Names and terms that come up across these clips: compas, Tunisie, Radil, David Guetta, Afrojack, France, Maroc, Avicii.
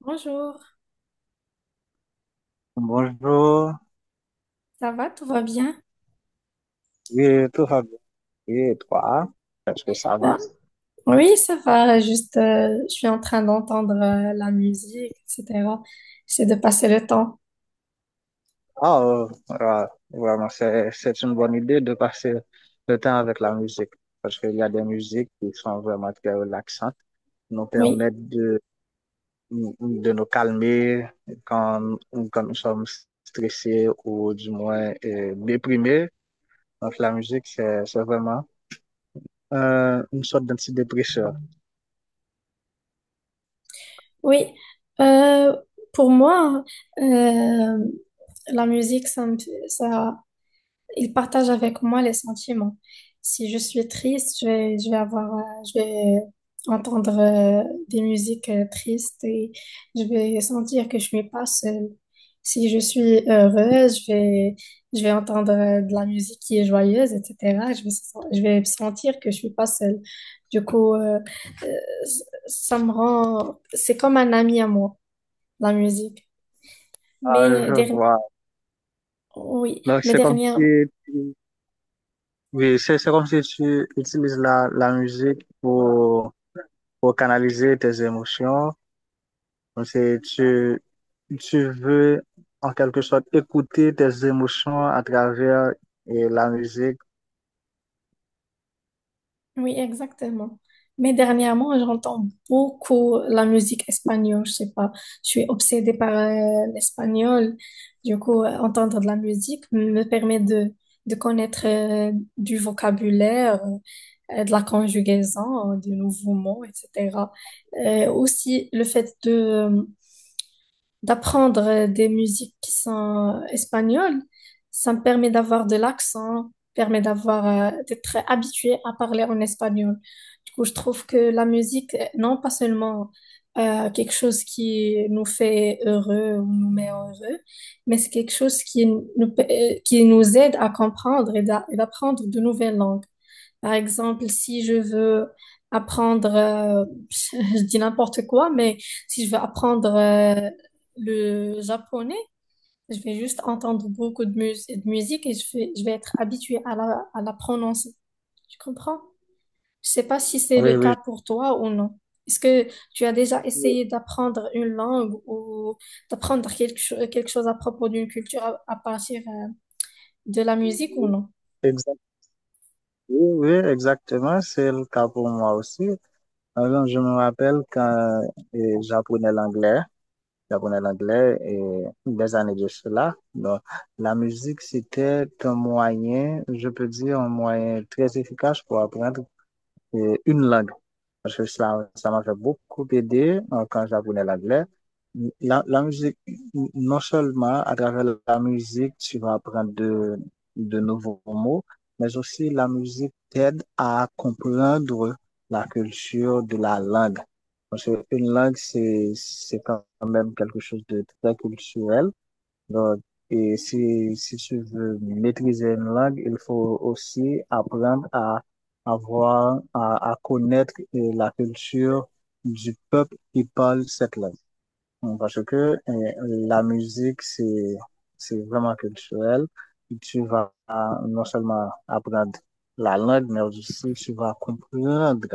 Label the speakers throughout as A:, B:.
A: Bonjour,
B: Bonjour,
A: ça va, tout va bien?
B: oui, tout va bien. Oui, et toi, est-ce que ça
A: Euh,
B: va?
A: oui, ça va, juste je suis en train d'entendre la musique, etc. J'essaie de passer le temps.
B: Ah, ah, vraiment, c'est une bonne idée de passer le temps avec la musique parce qu'il y a des musiques qui sont vraiment très relaxantes, nous
A: Oui,
B: permettent de nous calmer quand, quand nous sommes stressés ou du moins déprimés. Donc, la musique, c'est vraiment une sorte d'antidépresseur.
A: oui. Euh, pour moi, euh, la musique, ça, il partage avec moi les sentiments. Si je suis triste, je vais avoir, je vais entendre des musiques tristes et je vais sentir que je suis pas seule. Si je suis heureuse, je vais entendre de la musique qui est joyeuse, etc. Je vais sentir que je suis pas seule. Du coup, euh, ça me rend, c'est comme un ami à moi, la musique.
B: Ah,
A: Mais
B: je
A: derni-
B: vois.
A: oui,
B: Donc,
A: mais
B: c'est comme
A: dernière.
B: si Oui, c'est comme si tu utilises la musique pour canaliser tes émotions. Comme si tu veux, en quelque sorte, écouter tes émotions à travers et la musique.
A: Oui, exactement. Mais dernièrement, j'entends beaucoup la musique espagnole. Je sais pas, je suis obsédée par l'espagnol. Du coup, entendre de la musique me permet de connaître du vocabulaire, de la conjugaison, de nouveaux mots, etc. Aussi, le fait de, d'apprendre des musiques qui sont espagnoles, ça me permet d'avoir de l'accent, permet d'avoir, d'être habitué à parler en espagnol. Du coup, je trouve que la musique, non pas seulement quelque chose qui nous fait heureux ou nous met heureux, mais c'est quelque chose qui nous aide à comprendre et d'apprendre de nouvelles langues. Par exemple, si je veux apprendre, je dis n'importe quoi, mais si je veux apprendre le japonais, je vais juste entendre beaucoup de musique et je vais être habituée à la prononcer. Tu comprends? Je sais pas si c'est le
B: Oui, oui.
A: cas pour toi ou non. Est-ce que tu as déjà essayé d'apprendre une langue ou d'apprendre quelque chose à propos d'une culture à partir de la musique ou non?
B: Exact- Oui, oui, exactement. C'est le cas pour moi aussi. Alors, je me rappelle quand j'apprenais l'anglais. J'apprenais l'anglais et des années de cela. Donc, la musique, c'était un moyen, je peux dire, un moyen très efficace pour apprendre et une langue. Parce que ça m'a fait beaucoup aider quand j'apprenais l'anglais. La musique, non seulement à travers la musique, tu vas apprendre de nouveaux mots, mais aussi la musique t'aide à comprendre la culture de la langue. Parce qu'une langue, c'est quand même quelque chose de très culturel. Donc, et si tu veux maîtriser une langue, il faut aussi apprendre à avoir, à connaître la culture du peuple qui parle cette langue. Parce que la musique, c'est vraiment culturel. Tu vas non seulement apprendre la langue, mais aussi tu vas comprendre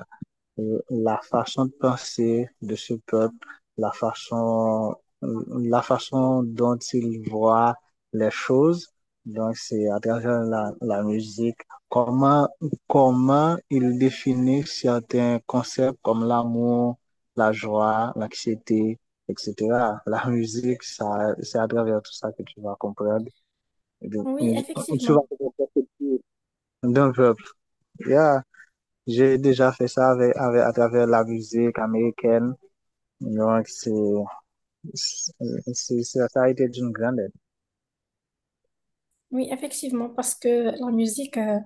B: la façon de penser de ce peuple, la façon, la façon dont il voit les choses. Donc, c'est à travers la musique, comment, comment il définit certains concepts comme l'amour, la joie, l'anxiété, etc. La musique, ça, c'est à travers tout ça que tu vas comprendre. Et donc,
A: Oui,
B: tu vas
A: effectivement.
B: comprendre d'un peuple. Yeah. J'ai déjà fait ça avec, à travers la musique américaine. Donc, ça a été d'une grande aide.
A: Oui, effectivement, parce que la musique,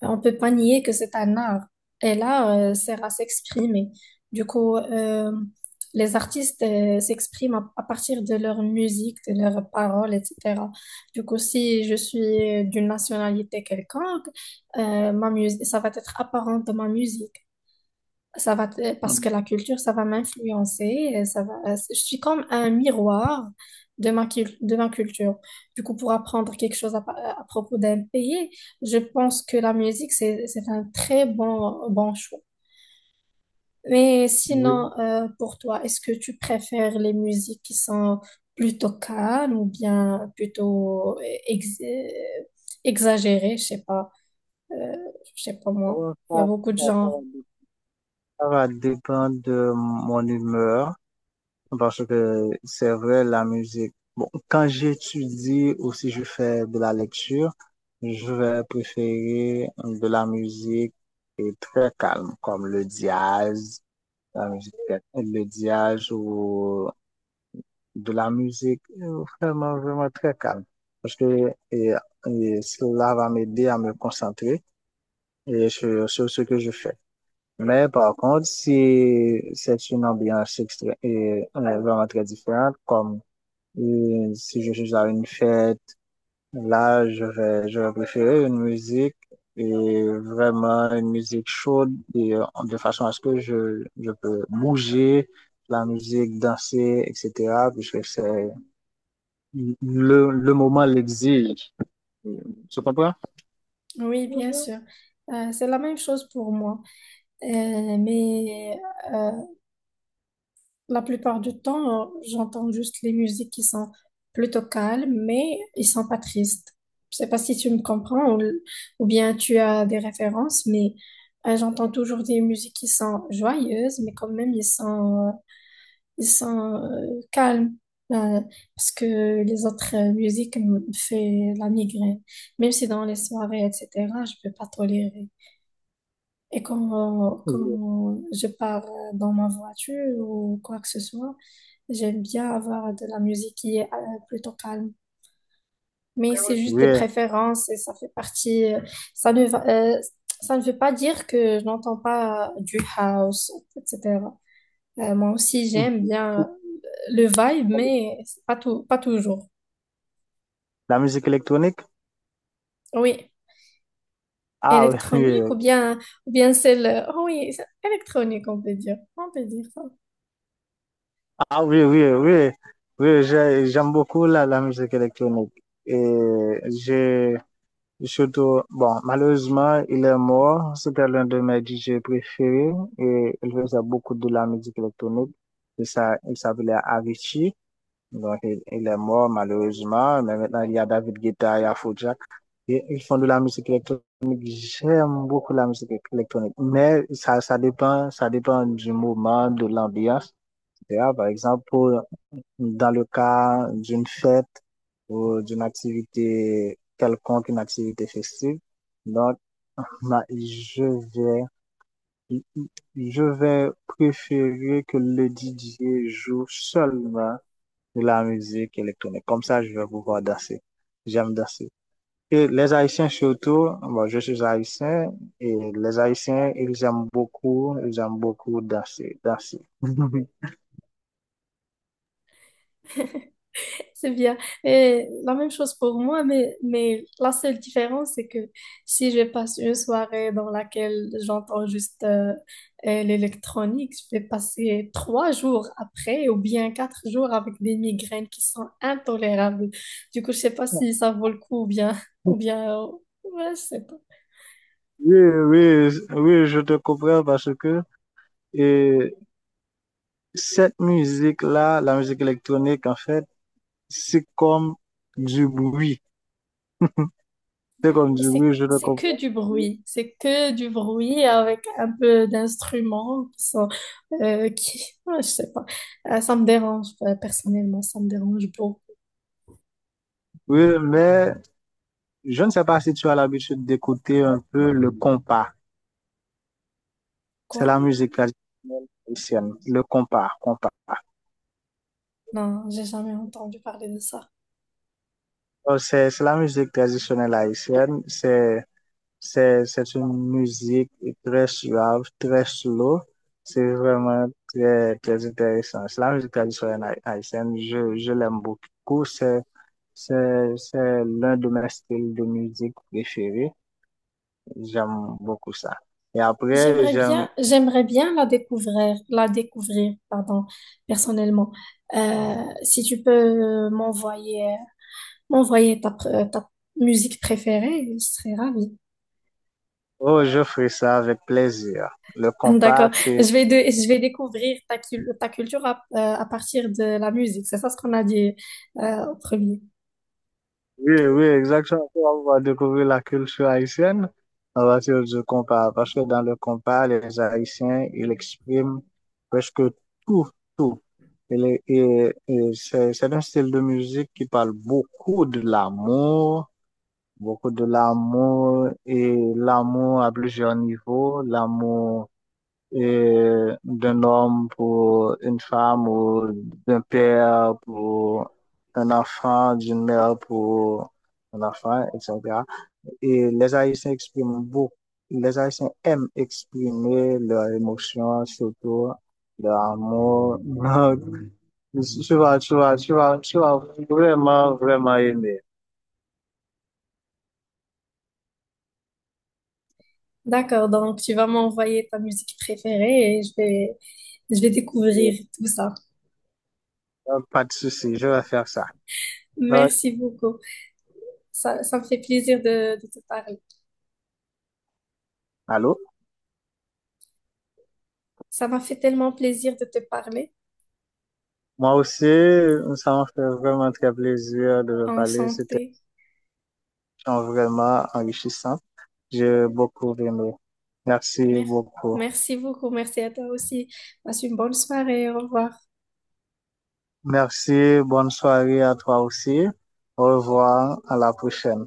A: on peut pas nier que c'est un art. Et là, c'est à s'exprimer. Du coup, les artistes s'expriment à partir de leur musique, de leurs paroles, etc. Du coup, si je suis d'une nationalité quelconque, ma musique, ça va être apparent dans ma musique. Parce que
B: Mm.
A: la culture, ça va m'influencer. Ça va, je suis comme un miroir de de ma culture. Du coup, pour apprendre quelque chose à propos d'un pays, je pense que la musique, c'est un très bon choix. Mais sinon,
B: Oui,
A: pour toi, est-ce que tu préfères les musiques qui sont plutôt calmes ou bien plutôt ex- euh, exagérées? Euh, je sais pas moi.
B: bon,
A: Il y a beaucoup de
B: ça ça va
A: genres.
B: dé- ça va dépendre de mon humeur parce que c'est vrai, la musique. Bon, quand j'étudie ou si je fais de la lecture, je vais préférer de la musique et très calme, comme le jazz, la musique, le jazz ou de la musique, vraiment, vraiment très calme. Parce que et cela va m'aider à me concentrer et sur ce que je fais. Mais par contre, si c'est une ambiance vraiment très différente, comme si je suis à une fête, là, je vais préférer une musique et vraiment une musique chaude et, de façon à ce que je peux bouger la musique, danser, etc., puisque c'est le moment l'exige. Tu comprends?
A: Oui, bien
B: Oui.
A: sûr. C'est la même chose pour moi. Euh, mais euh, la plupart du temps, j'entends juste les musiques qui sont plutôt calmes, mais ils sont pas tristes. Je sais pas si tu me comprends ou bien tu as des références, mais j'entends toujours des musiques qui sont joyeuses, mais quand même, ils sont calmes. Euh, Parce que les autres musiques me font la migraine. Même si dans les soirées, etc., je peux pas tolérer. Et
B: Oui.
A: comme je pars dans ma voiture ou quoi que ce soit, j'aime bien avoir de la musique qui est plutôt calme. Mais c'est juste des préférences et ça fait partie. Ça ne va, euh, ça ne veut pas dire que je n'entends pas du house, etc. Moi aussi, j'aime bien le vibe, mais c'est pas tout, pas toujours.
B: La musique électronique?
A: Oui,
B: Ah, oui,
A: électronique
B: oui.
A: ou bien celle. Oh oui, c'est électronique, on peut dire. On peut dire ça.
B: Ah, oui, oui, oui. Oui, j'aime beaucoup la musique électronique. Et j'ai surtout, bon, malheureusement, il est mort. C'était l'un de mes DJ préférés et il faisait beaucoup de la musique électronique. Et ça, il s'appelait Avicii. Donc, il est mort malheureusement, mais maintenant il y a David Guetta, il y a Afrojack. Et ils font de la musique électronique. J'aime beaucoup la musique électronique, mais ça, ça dépend du moment, de l'ambiance, etc. Par exemple, dans le cas d'une fête ou d'une activité quelconque, une activité festive, donc ma- je vais, je vais préférer que le DJ joue seulement de la musique électronique. Comme ça, je vais pouvoir danser. J'aime danser. Et les Haïtiens surtout, bon, je suis haïtien et les Haïtiens, ils aiment beaucoup danser, danser.
A: C'est bien. Et la même chose pour moi, mais la seule différence, c'est que si je passe une soirée dans laquelle j'entends juste l'électronique, je vais passer trois jours après ou bien quatre jours avec des migraines qui sont intolérables. Du coup, je sais pas si ça vaut le coup ou bien, ou bien, ouais, je sais pas.
B: Oui, oui, oui, je te comprends parce que et cette musique-là, la musique électronique, en fait, c'est comme du bruit. C'est comme
A: Mais
B: du bruit, je te
A: c'est que
B: comprends.
A: du bruit. C'est que du bruit avec un peu d'instruments qui sont qui... ouais, je sais pas. Ça me dérange, personnellement, ça me dérange beaucoup.
B: Oui, mais je ne sais pas si tu as l'habitude d'écouter un peu le compas. C'est
A: Quoi?
B: la musique traditionnelle haïtienne, le compas, compas.
A: Non, j'ai jamais entendu parler de ça.
B: Oh, c'est la musique traditionnelle haïtienne. C'est une musique très suave, très slow. C'est vraiment très, très intéressant. C'est la musique traditionnelle haïtienne. Je l'aime beaucoup. C'est l'un de mes styles de musique préférés. J'aime beaucoup ça. Et après, j'aime.
A: J'aimerais bien la découvrir, pardon, personnellement. Euh, Si tu peux euh, m'envoyer, m'envoyer ta musique préférée, je serais ravie.
B: Oh, je ferai ça avec plaisir. Le compas.
A: D'accord. Je vais découvrir ta culture à partir de la musique. C'est ça ce qu'on a dit, au premier.
B: Oui, oui, exactement. On va découvrir la culture haïtienne à partir du compas. Parce que dans le compas, les Haïtiens, ils expriment presque tout, tout. Et, c'est un style de musique qui parle beaucoup de l'amour et l'amour à plusieurs niveaux, l'amour et d'un homme pour une femme ou d'un père pour un enfant, d'une mère pour un enfant, etc. Et les Haïtiens expriment beaucoup, les Haïtiens aiment exprimer leurs émotions, surtout leur amour. Donc, tu vas vraiment, vraiment aimer.
A: D'accord, donc tu vas m'envoyer ta musique préférée et je vais
B: Et,
A: découvrir tout ça.
B: pas de souci, je vais faire ça. Donc,
A: Merci beaucoup. Ça me fait plaisir de te parler.
B: allô?
A: Ça m'a fait tellement plaisir de te parler.
B: Moi aussi, ça m'a fait vraiment très plaisir de le parler. C'était
A: Enchantée.
B: un échange vraiment enrichissant. J'ai beaucoup aimé. Merci
A: Mer-
B: beaucoup.
A: Merci beaucoup. Merci à toi aussi. Passe une bonne soirée. Au revoir.
B: Merci. Bonne soirée à toi aussi. Au revoir. À la prochaine.